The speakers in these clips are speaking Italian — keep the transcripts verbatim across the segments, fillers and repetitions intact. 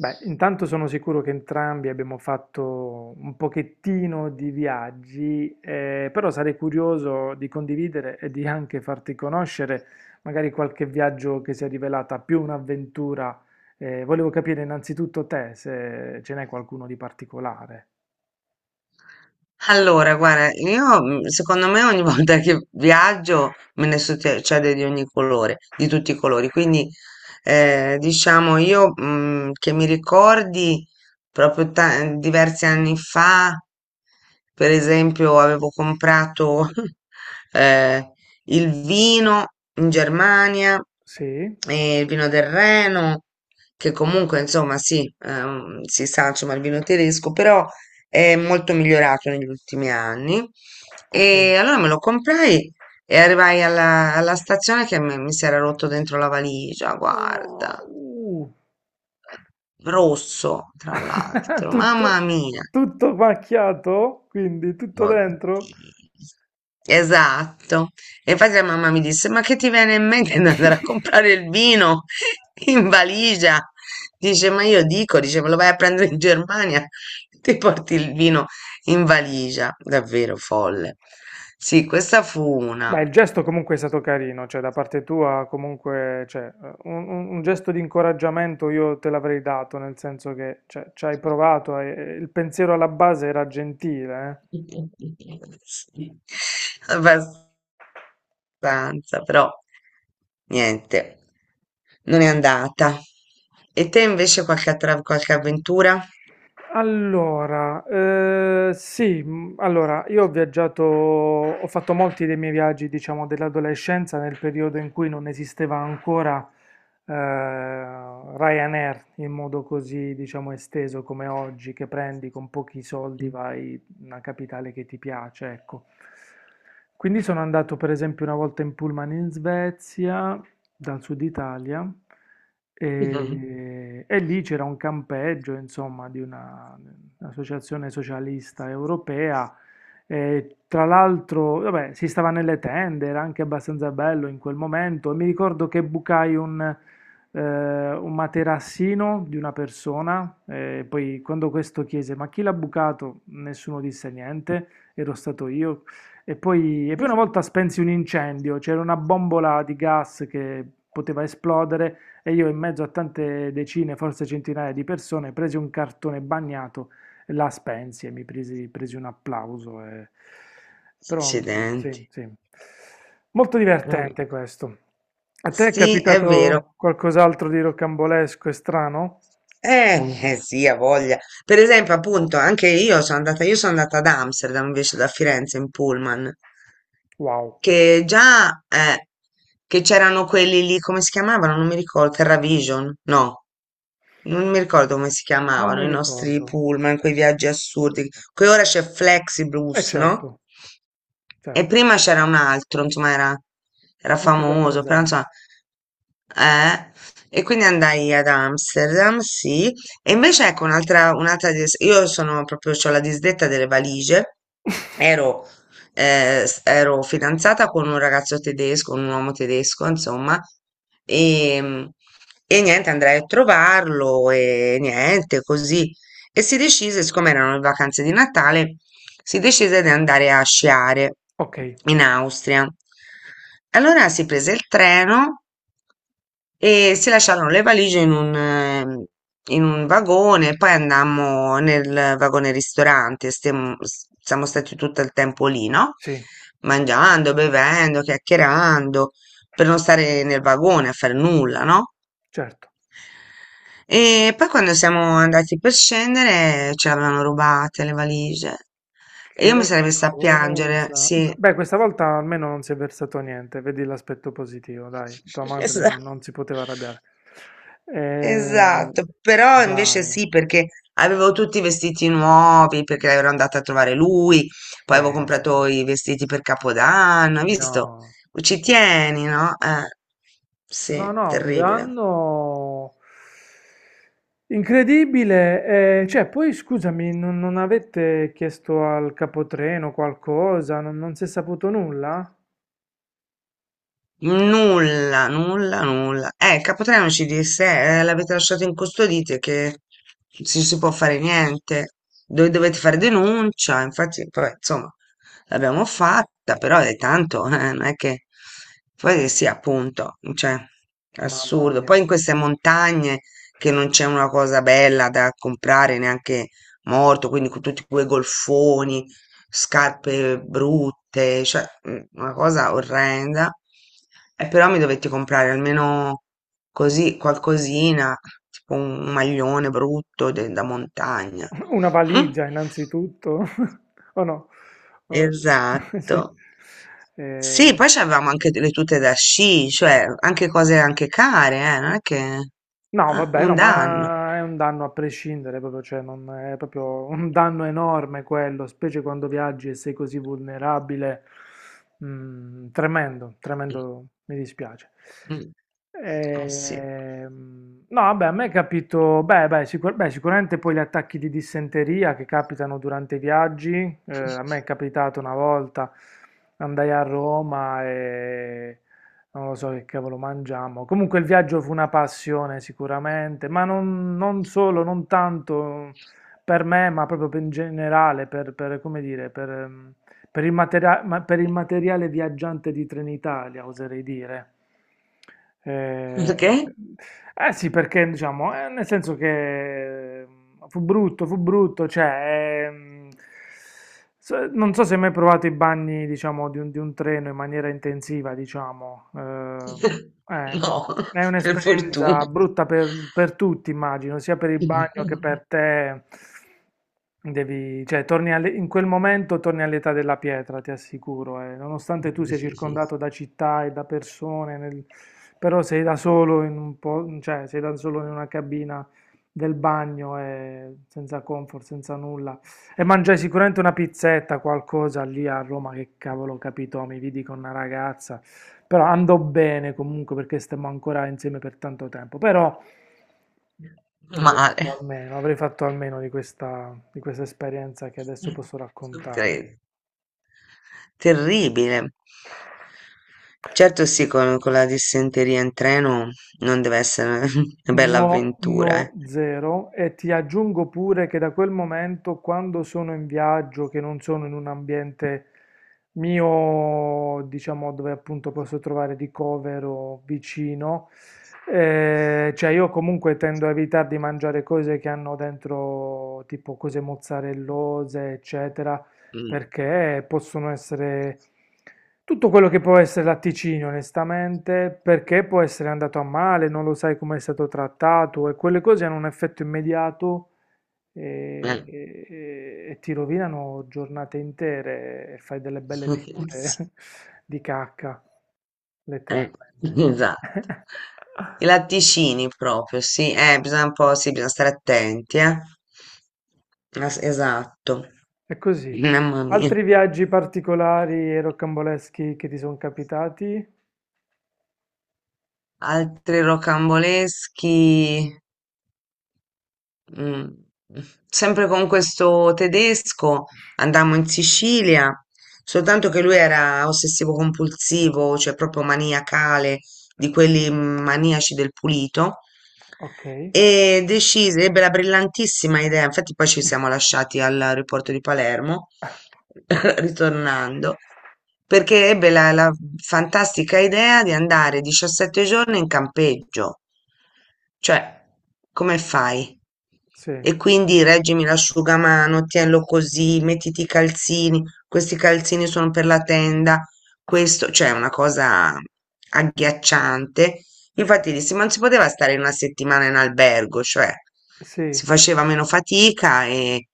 Beh, intanto sono sicuro che entrambi abbiamo fatto un pochettino di viaggi, eh, però sarei curioso di condividere e di anche farti conoscere magari qualche viaggio che si è rivelata più un'avventura. Eh, volevo capire innanzitutto te se ce n'è qualcuno di particolare. Allora, guarda, io mm, secondo me ogni volta che viaggio me ne succede di ogni colore, di tutti i colori. Quindi, eh, diciamo, io mm, che mi ricordi proprio ta- diversi anni fa, per esempio, avevo comprato eh, il vino in Ok. Germania, Sì? eh, il vino del Reno, che comunque, insomma, sì, ehm, si sa, insomma, il vino tedesco, però è molto migliorato negli ultimi anni. Ok. E allora me lo comprai e arrivai alla, alla stazione che mi, mi si era rotto dentro la valigia, No. guarda, Uh, rosso tra l'altro, mamma Tutto, mia. tutto macchiato? Quindi tutto dentro? Oddio. Esatto. E infatti la mamma mi disse: ma che ti viene in mente di andare a comprare il vino in valigia? Dice: ma io dico, dice, me lo vai a prendere in Germania, ti porti il vino in valigia. Davvero folle. Sì, questa fu una. Beh, il gesto comunque è stato carino, cioè da parte tua comunque, cioè, eh, un, un- un gesto di incoraggiamento io te l'avrei dato, nel senso che, cioè, ci hai provato, e- e il pensiero alla base era gentile, Sì, eh. abbastanza, però niente, non è andata. E te invece qualche, attra- qualche avventura? Allora, eh, sì, mh, allora io ho viaggiato, ho fatto molti dei miei viaggi, diciamo, dell'adolescenza nel periodo in cui non esisteva ancora eh, Ryanair in modo così, diciamo, esteso come oggi, che prendi con pochi soldi, vai in una capitale che ti piace, ecco. Quindi sono andato per esempio una volta in pullman in Svezia, dal sud Italia, Mh-mh. e, e lì c'era un campeggio, insomma, di una- un'associazione socialista europea. E tra l'altro, vabbè, si stava nelle tende, era anche abbastanza bello in quel momento. E mi ricordo che bucai un, eh, un materassino di una persona. E poi, quando questo chiese: "Ma chi l'ha bucato?" Nessuno disse niente. Ero stato io, e poi, e poi una volta spensi un incendio, c'era una bombola di gas che poteva esplodere e io in mezzo a tante decine, forse centinaia di persone, presi un cartone bagnato, e la spensi e mi presi, presi un applauso. e- Però sì, Accidenti. sì. Molto Eh. divertente questo. A te è Sì, è vero. capitato qualcos'altro di rocambolesco e strano? Eh, eh sì, ha voglia. Per esempio, appunto, anche io sono andata io sono andata ad Amsterdam invece da Firenze in pullman. Wow, Che già eh, che c'erano quelli lì, come si chiamavano? Non mi ricordo, TerraVision? No. Non mi ricordo come si non chiamavano mi i nostri ricordo. pullman, quei viaggi assurdi. Qui ora c'è Eh, Flexibus, no? certo, E certo, prima c'era un altro, insomma, era, era non ce li ho famoso, però presenti. insomma, eh. E quindi andai ad Amsterdam, sì. E invece ecco un'altra, un'altra, dis- io sono proprio, ho la disdetta delle valigie. Ero eh, s- ero fidanzata con un ragazzo tedesco, un uomo tedesco, insomma, e, e niente, andrai a trovarlo e niente, così. E si decise, siccome erano le vacanze di Natale, si decise di andare a sciare Ok. in Austria. Allora si prese il treno e si lasciarono le valigie in un, ehm, in un vagone, poi andammo nel vagone ristorante, stiamo- s- siamo stati tutto il tempo lì, no? Sì, Mangiando, bevendo, chiacchierando, per non stare nel vagone a fare nulla, no? certo. E poi quando siamo andati per scendere ce l'avevano rubate le valigie. E io mi Che sarei messa a piangere, cosa? sì. Beh, questa volta almeno non si è versato niente, vedi l'aspetto positivo, dai, tua madre Esatto. non, non si poteva arrabbiare. Eh, Esatto, però invece dai, sì, perché avevo tutti i vestiti nuovi, perché ero andata a trovare lui, poi avevo peso. comprato i vestiti per Capodanno, hai visto? No, Ci tieni, no? Eh, no, sì, no, un terribile. danno incredibile. Eh, cioè, poi scusami, non, non avete chiesto al capotreno qualcosa? Non, non si è saputo nulla? Nulla, nulla, nulla. Eh, il capotreno ci disse, eh, l'avete lasciato incustodite che non si si può fare niente, dove dovete fare denuncia, infatti, vabbè, insomma, l'abbiamo fatta, però è tanto, eh, non è che... Poi sì, appunto, cioè, Mamma assurdo. mia. Poi in queste montagne che non c'è una cosa bella da comprare neanche morto, quindi con tutti quei golfoni scarpe brutte, cioè mm, una cosa orrenda. E però mi dovetti comprare almeno così qualcosina, tipo un maglione brutto de- da montagna. Una valigia innanzitutto, o no? Eh, Esatto. sì. Sì, Eh, poi avevamo anche le tute da sci, cioè anche cose anche care, eh, non è che eh, no, vabbè, no, un danno. ma è un danno a prescindere, proprio, cioè, non è proprio un danno enorme quello, specie quando viaggi e sei così vulnerabile. Mm, tremendo, tremendo, mi dispiace. Mm. Eh sì. Ehm, no, vabbè, a me è capito, beh, beh, sicur- beh, sicuramente poi gli attacchi di dissenteria che capitano durante i viaggi, eh, a me è capitato una volta, andai a Roma e non lo so che cavolo mangiamo. Comunque il viaggio fu una passione sicuramente, ma non, non solo, non tanto per me, ma proprio per- in generale, per, per, come dire, per, ehm, per il materia- ma- per il materiale viaggiante di Trenitalia, oserei dire. Eh, Perché? eh sì, perché diciamo, eh, nel senso che mm, fu brutto, fu brutto, cioè, ehm, so- non so se hai mai provato i bagni, diciamo, di un, di un treno in maniera intensiva, diciamo. eh, eh, No, è per un'esperienza fortuna. brutta per, per tutti, immagino, sia per il bagno che per te. Devi, cioè, torni alle- in quel momento torni all'età della pietra, ti assicuro. Eh. Nonostante tu sia circondato da città e da persone, nel- però sei da solo in un po', cioè, sei da solo in una cabina del bagno, eh, senza comfort, senza nulla. E mangiai sicuramente una pizzetta, qualcosa lì a Roma, che cavolo ho capito, mi vidi con una ragazza, però andò bene comunque perché stemmo ancora insieme per tanto tempo, però avrei Male. fatto almeno, avrei fatto almeno di questa, di questa esperienza che adesso Mh. posso Non raccontare. credo. Terribile. Certo sì, con con la dissenteria in treno non deve essere una bella No, avventura, no, eh. zero. E ti aggiungo pure che da quel momento, quando sono in viaggio, che non sono in un ambiente mio, diciamo, dove appunto posso trovare ricovero vicino, eh, cioè io comunque tendo a evitare di mangiare cose che hanno dentro tipo cose mozzarellose, eccetera, Mh, perché possono essere tutto quello che può essere latticini, onestamente, perché può essere andato a male, non lo sai come è stato trattato e quelle cose hanno un effetto immediato e, eh. e- e ti rovinano giornate intere e fai delle belle figure Sì, di cacca, eh, letteralmente. esatto. I latticini proprio, sì, eh, bisogna un po' sì, bisogna stare attenti, eh. Es esatto. È così. Mamma mia. Altri viaggi particolari e rocamboleschi che ti sono capitati? Altri rocamboleschi. Mm. Sempre con questo tedesco andammo in Sicilia, soltanto che lui era ossessivo compulsivo, cioè proprio maniacale, di quelli maniaci del pulito, Ok. e decise, ebbe la brillantissima idea, infatti poi ci siamo lasciati all'aeroporto di Palermo, ritornando, perché ebbe la, la fantastica idea di andare diciassette giorni in campeggio, cioè come fai? Sì, E quindi reggimi l'asciugamano, tienilo così, mettiti i calzini, questi calzini sono per la tenda, questo cioè è una cosa agghiacciante. Infatti dissi: "Ma non si poteva stare una settimana in albergo, cioè sì. si faceva meno fatica e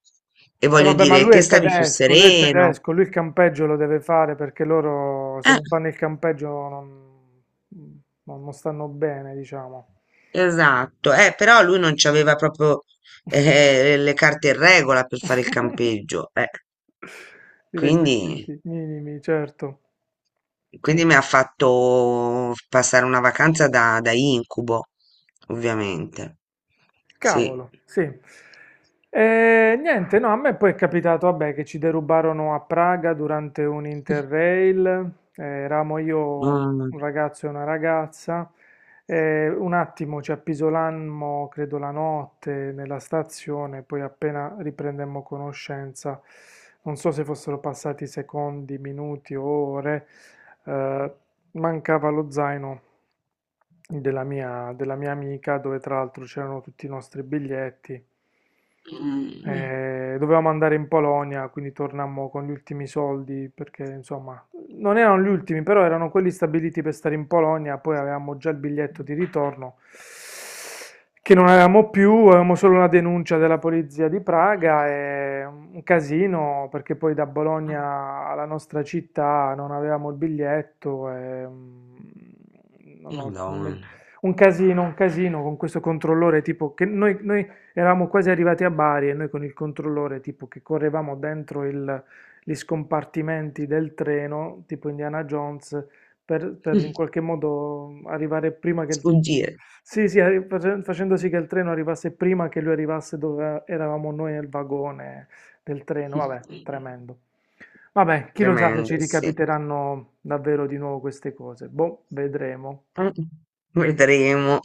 e E voglio vabbè, ma dire lui te è stavi più tedesco, lui è sereno". tedesco, lui il campeggio lo deve fare perché loro se Eh, non fanno il campeggio non, non- non stanno bene, diciamo. esatto. Eh, però lui non c'aveva proprio, eh, le carte in regola per fare il campeggio, eh. I Quindi requisiti minimi, certo. Ok. quindi mi ha fatto passare una vacanza da da incubo, ovviamente. Sì. Cavolo, sì. E niente, no, a me poi è capitato, vabbè, che ci derubarono a Praga durante un Interrail, eh, eravamo io, Mh. un ragazzo e una ragazza, eh, un attimo ci appisolammo, credo la notte, nella stazione, poi appena riprendemmo conoscenza, non so se fossero passati secondi, minuti o ore, eh, mancava lo zaino della mia, della mia amica, dove tra l'altro c'erano tutti i nostri biglietti. Mh, Eh, dovevamo andare in Polonia, quindi tornammo con gli ultimi soldi, perché insomma, non erano gli ultimi, però erano quelli stabiliti per stare in Polonia, poi avevamo già il biglietto di ritorno che non avevamo più, avevamo solo una denuncia della polizia di Praga e un casino, perché poi da eh, Bologna alla nostra città non avevamo il biglietto e, mm, non ho- non mi- madonna. un casino, un casino con questo controllore, tipo che noi noi eravamo quasi arrivati a Bari e noi con il controllore, tipo che correvamo dentro il- gli scompartimenti del treno, tipo Indiana Jones, per, per in qualche modo arrivare prima che... il- Sfuggire. Sì, sì, arri- face- facendo sì che il treno arrivasse prima che lui arrivasse dove eravamo noi nel vagone del treno. Vabbè, tremendo. Vabbè, chi lo sa se Tremendo, ci sì. ricapiteranno davvero di nuovo queste cose. Boh, vedremo. Eh, vedremo.